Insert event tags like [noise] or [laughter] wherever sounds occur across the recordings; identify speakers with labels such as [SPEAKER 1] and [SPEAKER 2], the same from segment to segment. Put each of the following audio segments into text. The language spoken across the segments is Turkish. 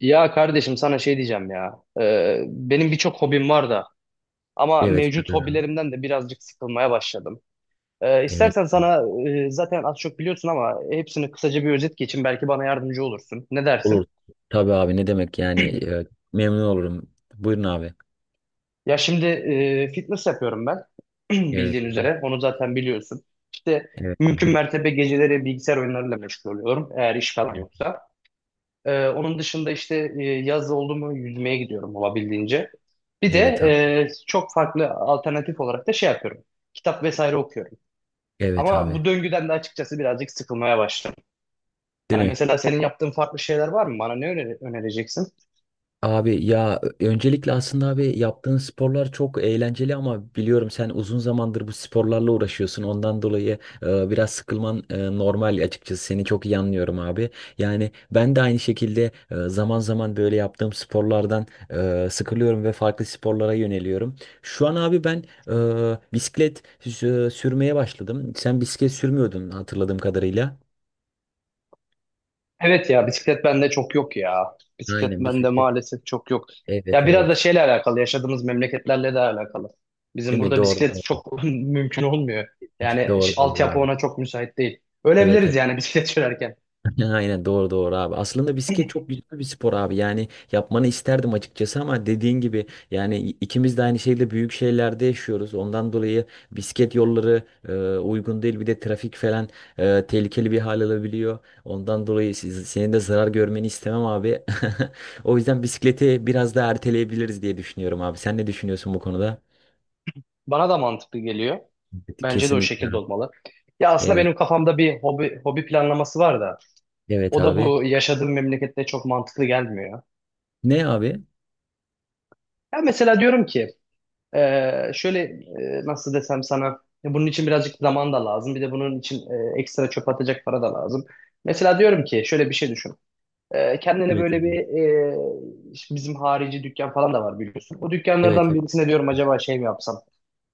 [SPEAKER 1] Ya kardeşim sana şey diyeceğim ya. Benim birçok hobim var da ama
[SPEAKER 2] Evet.
[SPEAKER 1] mevcut hobilerimden de birazcık sıkılmaya başladım.
[SPEAKER 2] Evet.
[SPEAKER 1] İstersen sana zaten az çok biliyorsun ama hepsini kısaca bir özet geçeyim. Belki bana yardımcı olursun. Ne
[SPEAKER 2] Olur.
[SPEAKER 1] dersin?
[SPEAKER 2] Tabii abi ne demek yani memnun olurum. Buyurun abi.
[SPEAKER 1] Ya şimdi fitness yapıyorum ben. [clears throat]
[SPEAKER 2] Evet
[SPEAKER 1] Bildiğin
[SPEAKER 2] abi.
[SPEAKER 1] üzere. Onu zaten biliyorsun. İşte
[SPEAKER 2] Evet
[SPEAKER 1] mümkün
[SPEAKER 2] abi.
[SPEAKER 1] mertebe geceleri bilgisayar oyunlarıyla meşgul oluyorum. Eğer iş falan yoksa. Onun dışında işte yaz oldu mu yüzmeye gidiyorum olabildiğince. Bir de
[SPEAKER 2] Evet abi.
[SPEAKER 1] çok farklı alternatif olarak da şey yapıyorum. Kitap vesaire okuyorum.
[SPEAKER 2] Evet
[SPEAKER 1] Ama
[SPEAKER 2] abi.
[SPEAKER 1] bu döngüden de açıkçası birazcık sıkılmaya başladım.
[SPEAKER 2] Değil
[SPEAKER 1] Yani
[SPEAKER 2] mi?
[SPEAKER 1] mesela senin yaptığın farklı şeyler var mı? Bana ne önereceksin?
[SPEAKER 2] Abi ya öncelikle aslında abi yaptığın sporlar çok eğlenceli ama biliyorum sen uzun zamandır bu sporlarla uğraşıyorsun. Ondan dolayı biraz sıkılman normal açıkçası. Seni çok iyi anlıyorum abi. Yani ben de aynı şekilde zaman zaman böyle yaptığım sporlardan sıkılıyorum ve farklı sporlara yöneliyorum. Şu an abi ben bisiklet sürmeye başladım. Sen bisiklet sürmüyordun hatırladığım kadarıyla.
[SPEAKER 1] Evet ya, bisiklet bende çok yok ya. Bisiklet
[SPEAKER 2] Aynen
[SPEAKER 1] bende
[SPEAKER 2] bisiklet.
[SPEAKER 1] maalesef çok yok.
[SPEAKER 2] Evet,
[SPEAKER 1] Ya biraz da
[SPEAKER 2] evet.
[SPEAKER 1] şeyle alakalı, yaşadığımız memleketlerle de alakalı. Bizim
[SPEAKER 2] Değil mi?
[SPEAKER 1] burada
[SPEAKER 2] Doğru,
[SPEAKER 1] bisiklet
[SPEAKER 2] doğru.
[SPEAKER 1] çok [laughs] mümkün olmuyor.
[SPEAKER 2] [laughs]
[SPEAKER 1] Yani
[SPEAKER 2] Doğru, doğru
[SPEAKER 1] altyapı
[SPEAKER 2] abi.
[SPEAKER 1] ona çok müsait değil.
[SPEAKER 2] Evet,
[SPEAKER 1] Ölebiliriz
[SPEAKER 2] evet.
[SPEAKER 1] yani bisiklet [laughs] sürerken.
[SPEAKER 2] [laughs] Ya, aynen, doğru, doğru abi. Aslında bisiklet çok güzel bir spor abi. Yani yapmanı isterdim açıkçası ama dediğin gibi yani ikimiz de aynı şeyde büyük şehirlerde yaşıyoruz. Ondan dolayı bisiklet yolları e, uygun değil. Bir de trafik falan tehlikeli bir hal alabiliyor. Ondan dolayı siz, senin de zarar görmeni istemem abi. [laughs] O yüzden bisikleti biraz daha erteleyebiliriz diye düşünüyorum abi. Sen ne düşünüyorsun bu konuda?
[SPEAKER 1] Bana da mantıklı geliyor.
[SPEAKER 2] Evet,
[SPEAKER 1] Bence de o
[SPEAKER 2] kesinlikle.
[SPEAKER 1] şekilde olmalı. Ya aslında
[SPEAKER 2] Evet.
[SPEAKER 1] benim kafamda bir hobi, hobi planlaması var da
[SPEAKER 2] Evet
[SPEAKER 1] o da
[SPEAKER 2] abi.
[SPEAKER 1] bu yaşadığım memlekette çok mantıklı gelmiyor.
[SPEAKER 2] Ne abi?
[SPEAKER 1] Ya mesela diyorum ki şöyle nasıl desem sana, bunun için birazcık zaman da lazım. Bir de bunun için ekstra çöp atacak para da lazım. Mesela diyorum ki şöyle bir şey düşün. Kendine
[SPEAKER 2] Evet
[SPEAKER 1] böyle bir
[SPEAKER 2] abi.
[SPEAKER 1] işte bizim harici dükkan falan da var biliyorsun. O
[SPEAKER 2] Evet.
[SPEAKER 1] dükkanlardan birisine diyorum, acaba şey mi yapsam?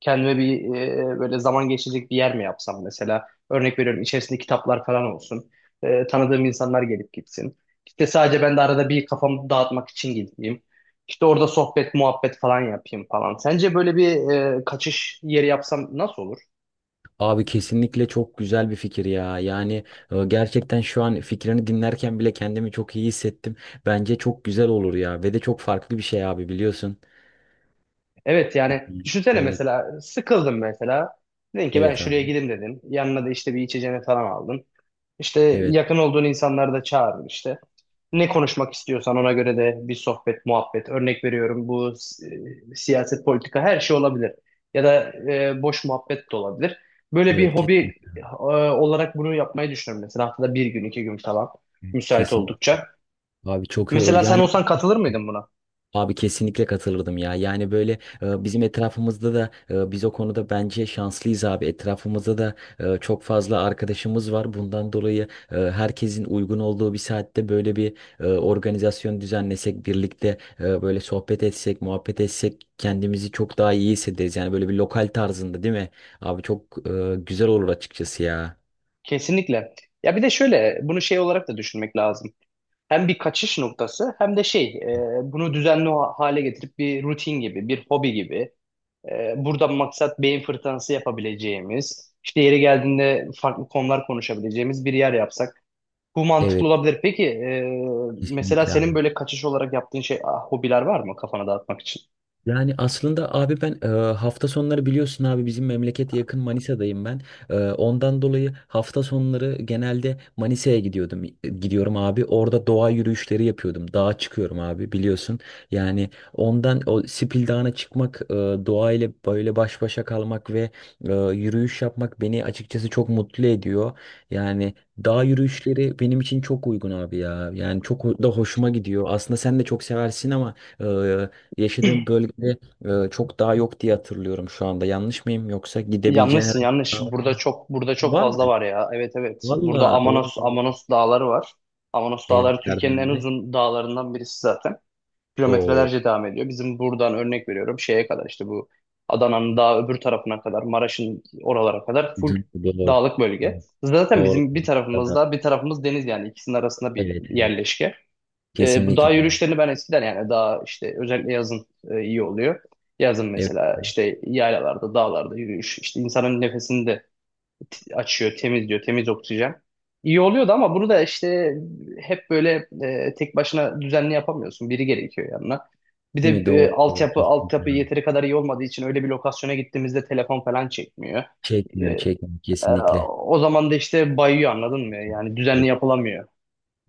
[SPEAKER 1] Kendime bir böyle zaman geçirecek bir yer mi yapsam mesela? Örnek veriyorum, içerisinde kitaplar falan olsun. E, tanıdığım insanlar gelip gitsin. İşte sadece ben de arada bir kafamı dağıtmak için gideyim. İşte orada sohbet, muhabbet falan yapayım falan. Sence böyle bir kaçış yeri yapsam nasıl olur?
[SPEAKER 2] Abi kesinlikle çok güzel bir fikir ya. Yani gerçekten şu an fikrini dinlerken bile kendimi çok iyi hissettim. Bence çok güzel olur ya ve de çok farklı bir şey abi biliyorsun.
[SPEAKER 1] Evet yani düşünsene,
[SPEAKER 2] Evet,
[SPEAKER 1] mesela sıkıldım mesela. Dedin ki ben
[SPEAKER 2] evet
[SPEAKER 1] şuraya
[SPEAKER 2] abi.
[SPEAKER 1] gideyim dedin. Yanına da işte bir içeceğini falan aldın. İşte
[SPEAKER 2] Evet,
[SPEAKER 1] yakın olduğun insanları da çağırdın işte. Ne konuşmak istiyorsan ona göre de bir sohbet, muhabbet. Örnek veriyorum, bu siyaset, politika her şey olabilir. Ya da boş muhabbet de olabilir. Böyle
[SPEAKER 2] evet
[SPEAKER 1] bir
[SPEAKER 2] kesin.
[SPEAKER 1] hobi olarak bunu yapmayı düşünüyorum. Mesela haftada bir gün, iki gün falan müsait
[SPEAKER 2] Kesin.
[SPEAKER 1] oldukça.
[SPEAKER 2] Abi çok iyi olur.
[SPEAKER 1] Mesela sen
[SPEAKER 2] Yani
[SPEAKER 1] olsan katılır mıydın buna?
[SPEAKER 2] abi kesinlikle katılırdım ya. Yani böyle bizim etrafımızda da biz o konuda bence şanslıyız abi. Etrafımızda da çok fazla arkadaşımız var. Bundan dolayı herkesin uygun olduğu bir saatte böyle bir organizasyon düzenlesek, birlikte böyle sohbet etsek, muhabbet etsek kendimizi çok daha iyi hissederiz. Yani böyle bir lokal tarzında değil mi? Abi çok güzel olur açıkçası ya.
[SPEAKER 1] Kesinlikle. Ya bir de şöyle bunu şey olarak da düşünmek lazım. Hem bir kaçış noktası, hem de şey, bunu düzenli hale getirip bir rutin gibi, bir hobi gibi, burada maksat beyin fırtınası yapabileceğimiz, işte yeri geldiğinde farklı konular konuşabileceğimiz bir yer yapsak bu mantıklı
[SPEAKER 2] Evet,
[SPEAKER 1] olabilir. Peki mesela
[SPEAKER 2] kesinlikle abi.
[SPEAKER 1] senin böyle kaçış olarak yaptığın şey hobiler var mı kafana dağıtmak için?
[SPEAKER 2] Yani aslında abi ben hafta sonları biliyorsun abi bizim memlekete yakın Manisa'dayım ben. Ondan dolayı hafta sonları genelde Manisa'ya gidiyordum. Gidiyorum abi. Orada doğa yürüyüşleri yapıyordum. Dağa çıkıyorum abi biliyorsun. Yani ondan o Sipil Dağı'na çıkmak, doğayla böyle baş başa kalmak ve yürüyüş yapmak beni açıkçası çok mutlu ediyor. Yani dağ yürüyüşleri benim için çok uygun abi ya. Yani çok da hoşuma gidiyor. Aslında sen de çok seversin ama yaşadığım bölgede çok daha yok diye hatırlıyorum şu anda. Yanlış mıyım? Yoksa gidebileceğin
[SPEAKER 1] Yanlışsın
[SPEAKER 2] herhangi bir
[SPEAKER 1] yanlış.
[SPEAKER 2] dağ var mı?
[SPEAKER 1] Burada çok, burada çok
[SPEAKER 2] Var mı?
[SPEAKER 1] fazla var ya. Evet, evet. Burada
[SPEAKER 2] Valla.
[SPEAKER 1] Amanos, Amanos dağları var. Amanos dağları
[SPEAKER 2] Evet
[SPEAKER 1] Türkiye'nin
[SPEAKER 2] Erdem
[SPEAKER 1] en
[SPEAKER 2] abi.
[SPEAKER 1] uzun dağlarından birisi zaten.
[SPEAKER 2] O
[SPEAKER 1] Kilometrelerce devam ediyor. Bizim buradan, örnek veriyorum, şeye kadar işte bu Adana'nın daha öbür tarafına kadar, Maraş'ın oralara kadar full
[SPEAKER 2] doğru. Doğru.
[SPEAKER 1] dağlık bölge. Zaten
[SPEAKER 2] Doğru.
[SPEAKER 1] bizim bir tarafımız
[SPEAKER 2] Tabii.
[SPEAKER 1] dağ bir tarafımız deniz, yani ikisinin arasında bir
[SPEAKER 2] Evet, evet.
[SPEAKER 1] yerleşke. Bu
[SPEAKER 2] Kesinlikle
[SPEAKER 1] dağ
[SPEAKER 2] abi.
[SPEAKER 1] yürüyüşlerini ben eskiden, yani daha işte özellikle yazın, iyi oluyor. Yazın
[SPEAKER 2] Evet
[SPEAKER 1] mesela
[SPEAKER 2] abi.
[SPEAKER 1] işte yaylalarda, dağlarda yürüyüş, işte insanın nefesini de açıyor, temizliyor, temiz oksijen. İyi oluyordu ama bunu da işte hep böyle tek başına düzenli yapamıyorsun. Biri gerekiyor yanına. Bir de
[SPEAKER 2] Değil mi? Doğru. Doğru.
[SPEAKER 1] altyapı
[SPEAKER 2] Kesinlikle
[SPEAKER 1] altyapı
[SPEAKER 2] abi.
[SPEAKER 1] yeteri kadar iyi olmadığı için öyle bir lokasyona gittiğimizde telefon falan çekmiyor. E,
[SPEAKER 2] Çekmiyor. Çekmiyor.
[SPEAKER 1] e,
[SPEAKER 2] Kesinlikle.
[SPEAKER 1] o zaman da işte bayıyor, anladın mı? Yani düzenli
[SPEAKER 2] Evet.
[SPEAKER 1] yapılamıyor.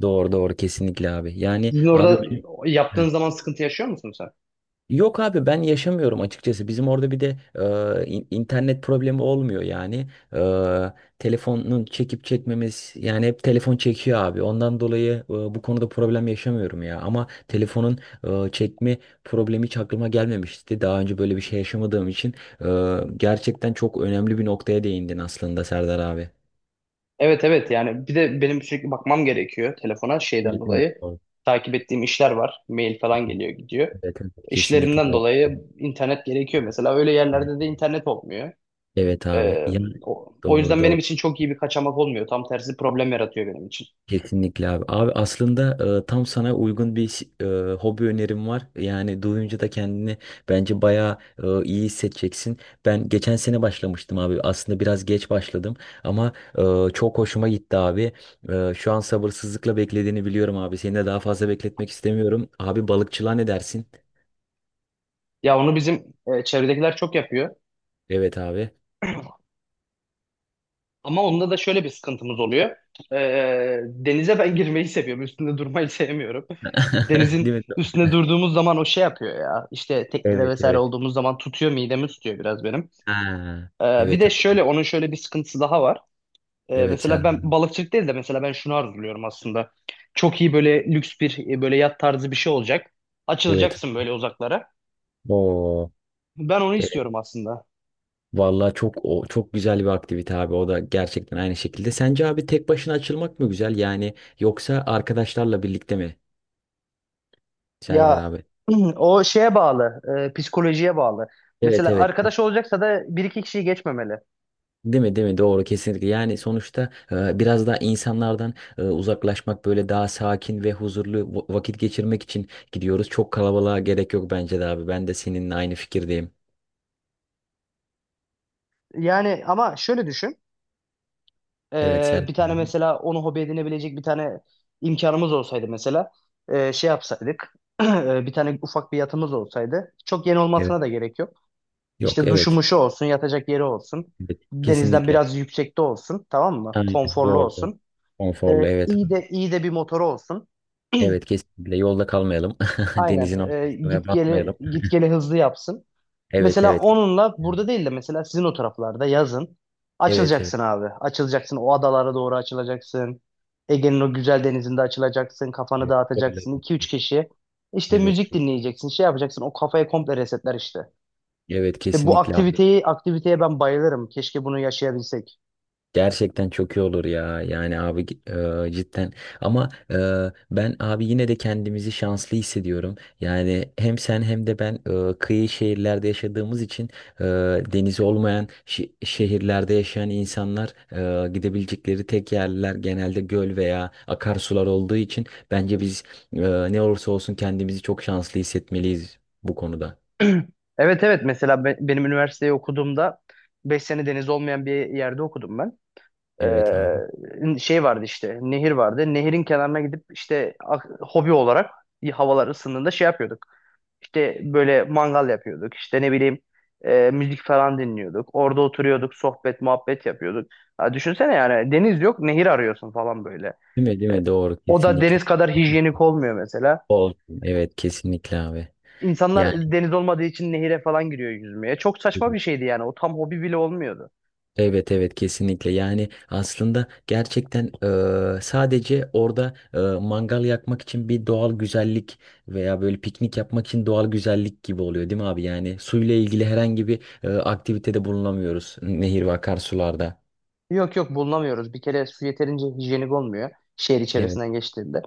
[SPEAKER 2] Doğru. Doğru. Kesinlikle abi. Yani
[SPEAKER 1] Sizin
[SPEAKER 2] abi
[SPEAKER 1] orada
[SPEAKER 2] ben... Heh,
[SPEAKER 1] yaptığın zaman sıkıntı yaşıyor musun sen?
[SPEAKER 2] yok abi ben yaşamıyorum açıkçası. Bizim orada bir de internet problemi olmuyor yani. Telefonun çekip çekmemiz yani hep telefon çekiyor abi. Ondan dolayı bu konuda problem yaşamıyorum ya. Ama telefonun çekme problemi hiç aklıma gelmemişti. Daha önce böyle bir şey yaşamadığım için gerçekten çok önemli bir noktaya değindin aslında Serdar abi.
[SPEAKER 1] Evet evet, yani bir de benim sürekli bakmam gerekiyor telefona şeyden
[SPEAKER 2] Evet, evet,
[SPEAKER 1] dolayı.
[SPEAKER 2] doğru.
[SPEAKER 1] Takip ettiğim işler var. Mail falan geliyor gidiyor.
[SPEAKER 2] Evet, evet, kesinlikle.
[SPEAKER 1] İşlerimden dolayı internet gerekiyor mesela. Öyle yerlerde de internet olmuyor.
[SPEAKER 2] Evet abi.
[SPEAKER 1] Ee,
[SPEAKER 2] Ya,
[SPEAKER 1] o
[SPEAKER 2] doğru,
[SPEAKER 1] yüzden benim
[SPEAKER 2] doğru.
[SPEAKER 1] için çok iyi bir kaçamak olmuyor. Tam tersi problem yaratıyor benim için.
[SPEAKER 2] Kesinlikle abi. Abi aslında tam sana uygun bir hobi önerim var. Yani duyunca da kendini bence bayağı iyi hissedeceksin. Ben geçen sene başlamıştım abi. Aslında biraz geç başladım ama çok hoşuma gitti abi. Şu an sabırsızlıkla beklediğini biliyorum abi. Seni de daha fazla bekletmek istemiyorum. Abi balıkçılığa ne dersin?
[SPEAKER 1] Ya onu bizim çevredekiler çok yapıyor.
[SPEAKER 2] Evet abi.
[SPEAKER 1] Ama onda da şöyle bir sıkıntımız oluyor. Denize ben [laughs] girmeyi seviyorum. Üstünde durmayı sevmiyorum.
[SPEAKER 2] [laughs]
[SPEAKER 1] Denizin
[SPEAKER 2] Değil mi?
[SPEAKER 1] üstüne durduğumuz zaman o şey yapıyor ya. İşte teknede
[SPEAKER 2] Evet,
[SPEAKER 1] vesaire
[SPEAKER 2] evet.
[SPEAKER 1] olduğumuz zaman tutuyor, midemi tutuyor biraz benim.
[SPEAKER 2] Ha.
[SPEAKER 1] Bir
[SPEAKER 2] Evet
[SPEAKER 1] de
[SPEAKER 2] abi.
[SPEAKER 1] şöyle onun şöyle bir sıkıntısı daha var.
[SPEAKER 2] Evet abi.
[SPEAKER 1] Mesela ben balıkçılık değil de mesela ben şunu arzuluyorum aslında. Çok iyi böyle lüks bir böyle yat tarzı bir şey olacak.
[SPEAKER 2] Evet.
[SPEAKER 1] Açılacaksın böyle uzaklara.
[SPEAKER 2] Oo.
[SPEAKER 1] Ben onu istiyorum aslında.
[SPEAKER 2] Vallahi çok o çok güzel bir aktivite abi. O da gerçekten aynı şekilde. Sence abi tek başına açılmak mı güzel? Yani yoksa arkadaşlarla birlikte mi Serdar
[SPEAKER 1] Ya
[SPEAKER 2] abi?
[SPEAKER 1] [clears throat] o şeye bağlı, psikolojiye bağlı.
[SPEAKER 2] Evet,
[SPEAKER 1] Mesela
[SPEAKER 2] evet.
[SPEAKER 1] arkadaş olacaksa da bir iki kişiyi geçmemeli.
[SPEAKER 2] Değil mi, değil mi? Doğru, kesinlikle. Yani sonuçta biraz daha insanlardan uzaklaşmak böyle daha sakin ve huzurlu vakit geçirmek için gidiyoruz. Çok kalabalığa gerek yok bence de abi. Ben de seninle aynı fikirdeyim.
[SPEAKER 1] Yani ama şöyle düşün.
[SPEAKER 2] Evet Serdar.
[SPEAKER 1] Bir tane, mesela onu hobi edinebilecek bir tane imkanımız olsaydı, mesela şey yapsaydık, [clears throat] bir tane ufak bir yatımız olsaydı, çok yeni
[SPEAKER 2] Evet.
[SPEAKER 1] olmasına da gerek yok.
[SPEAKER 2] Yok,
[SPEAKER 1] İşte
[SPEAKER 2] evet.
[SPEAKER 1] duşumuşu olsun, yatacak yeri olsun,
[SPEAKER 2] Evet.
[SPEAKER 1] denizden
[SPEAKER 2] Kesinlikle.
[SPEAKER 1] biraz yüksekte olsun, tamam mı?
[SPEAKER 2] Aynen.
[SPEAKER 1] Konforlu
[SPEAKER 2] Doğru, doğru.
[SPEAKER 1] olsun. Ee,
[SPEAKER 2] Konforlu, evet.
[SPEAKER 1] iyi de iyi de bir motoru olsun.
[SPEAKER 2] Evet kesinlikle yolda kalmayalım. [laughs]
[SPEAKER 1] Aynen.
[SPEAKER 2] Denizin ortasına
[SPEAKER 1] Git geli
[SPEAKER 2] batmayalım.
[SPEAKER 1] git geli hızlı yapsın.
[SPEAKER 2] Evet,
[SPEAKER 1] Mesela
[SPEAKER 2] evet.
[SPEAKER 1] onunla burada değil de mesela sizin o taraflarda yazın
[SPEAKER 2] Evet, evet.
[SPEAKER 1] açılacaksın abi. Açılacaksın, o adalara doğru açılacaksın. Ege'nin o güzel denizinde açılacaksın. Kafanı
[SPEAKER 2] Evet. Öyle.
[SPEAKER 1] dağıtacaksın. İki üç kişi işte
[SPEAKER 2] Evet.
[SPEAKER 1] müzik dinleyeceksin. Şey yapacaksın. O kafayı komple resetler işte.
[SPEAKER 2] Evet
[SPEAKER 1] İşte bu
[SPEAKER 2] kesinlikle abi.
[SPEAKER 1] aktiviteye ben bayılırım. Keşke bunu yaşayabilsek.
[SPEAKER 2] Gerçekten çok iyi olur ya. Yani abi cidden. Ama ben abi yine de kendimizi şanslı hissediyorum. Yani hem sen hem de ben kıyı şehirlerde yaşadığımız için e, denizi olmayan şehirlerde yaşayan insanlar gidebilecekleri tek yerler genelde göl veya akarsular olduğu için bence biz e, ne olursa olsun kendimizi çok şanslı hissetmeliyiz bu konuda.
[SPEAKER 1] [clears throat] Evet evet, mesela benim üniversiteyi okuduğumda 5 sene deniz olmayan bir yerde okudum ben.
[SPEAKER 2] Evet abi.
[SPEAKER 1] Şey vardı, işte nehir vardı. Nehirin kenarına gidip işte hobi olarak havalar ısındığında şey yapıyorduk. İşte böyle mangal yapıyorduk. İşte ne bileyim, müzik falan dinliyorduk. Orada oturuyorduk, sohbet, muhabbet yapıyorduk. Ha, düşünsene, yani deniz yok, nehir arıyorsun falan böyle.
[SPEAKER 2] Değil mi? Değil
[SPEAKER 1] E,
[SPEAKER 2] mi? Doğru.
[SPEAKER 1] o da
[SPEAKER 2] Kesinlikle.
[SPEAKER 1] deniz kadar
[SPEAKER 2] [laughs]
[SPEAKER 1] hijyenik olmuyor mesela.
[SPEAKER 2] Olsun. Evet kesinlikle abi. Yani
[SPEAKER 1] İnsanlar deniz olmadığı için nehire falan giriyor yüzmeye. Çok saçma bir şeydi yani. O tam hobi bile olmuyordu.
[SPEAKER 2] evet, evet kesinlikle yani aslında gerçekten sadece orada mangal yakmak için bir doğal güzellik veya böyle piknik yapmak için doğal güzellik gibi oluyor değil mi abi? Yani suyla ilgili herhangi bir aktivitede bulunamıyoruz nehir ve akarsularda.
[SPEAKER 1] Yok yok, bulunamıyoruz. Bir kere su yeterince hijyenik olmuyor şehir
[SPEAKER 2] Evet.
[SPEAKER 1] içerisinden geçtiğinde.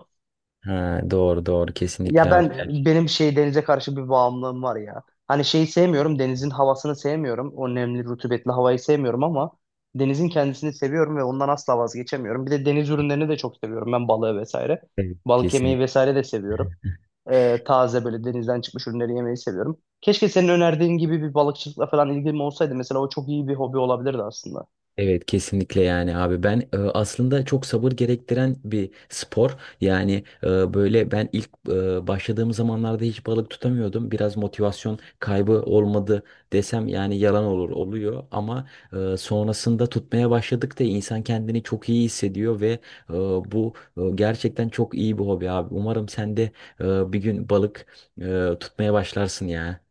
[SPEAKER 2] Ha, doğru, doğru,
[SPEAKER 1] Ya
[SPEAKER 2] kesinlikle abi.
[SPEAKER 1] ben,
[SPEAKER 2] Gerçekten.
[SPEAKER 1] benim şey, denize karşı bir bağımlılığım var ya. Hani şeyi sevmiyorum, denizin havasını sevmiyorum. O nemli, rutubetli havayı sevmiyorum ama denizin kendisini seviyorum ve ondan asla vazgeçemiyorum. Bir de deniz ürünlerini de çok seviyorum. Ben balığı vesaire.
[SPEAKER 2] Evet.
[SPEAKER 1] Balık yemeyi
[SPEAKER 2] Kesinlikle.
[SPEAKER 1] vesaire de seviyorum. Taze böyle denizden çıkmış ürünleri yemeyi seviyorum. Keşke senin önerdiğin gibi bir balıkçılıkla falan ilgim olsaydı. Mesela o çok iyi bir hobi olabilirdi aslında.
[SPEAKER 2] Evet kesinlikle yani abi ben aslında çok sabır gerektiren bir spor yani böyle ben ilk başladığım zamanlarda hiç balık tutamıyordum, biraz motivasyon kaybı olmadı desem yani yalan olur, oluyor ama sonrasında tutmaya başladıkça insan kendini çok iyi hissediyor ve e, bu gerçekten çok iyi bir hobi abi, umarım sen de bir gün balık tutmaya başlarsın ya.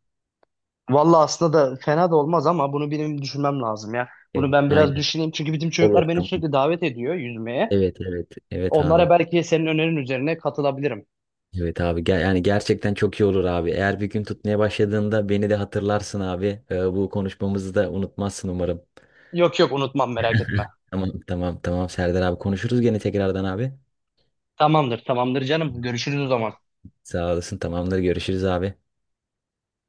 [SPEAKER 1] Vallahi aslında da fena da olmaz ama bunu benim düşünmem lazım ya. Bunu
[SPEAKER 2] Evet
[SPEAKER 1] ben biraz
[SPEAKER 2] aynen,
[SPEAKER 1] düşüneyim. Çünkü bizim
[SPEAKER 2] olur
[SPEAKER 1] çocuklar beni
[SPEAKER 2] tamam,
[SPEAKER 1] sürekli davet ediyor yüzmeye.
[SPEAKER 2] evet, evet, evet
[SPEAKER 1] Onlara
[SPEAKER 2] abi.
[SPEAKER 1] belki senin önerin üzerine katılabilirim.
[SPEAKER 2] Evet abi yani gerçekten çok iyi olur abi. Eğer bir gün tutmaya başladığında beni de hatırlarsın abi. Bu konuşmamızı da unutmazsın umarım.
[SPEAKER 1] Yok yok, unutmam, merak etme.
[SPEAKER 2] Tamam, tamam, tamam Serdar abi, konuşuruz gene tekrardan abi.
[SPEAKER 1] Tamamdır tamamdır canım. Görüşürüz o zaman.
[SPEAKER 2] Sağ olasın, tamamdır, görüşürüz abi.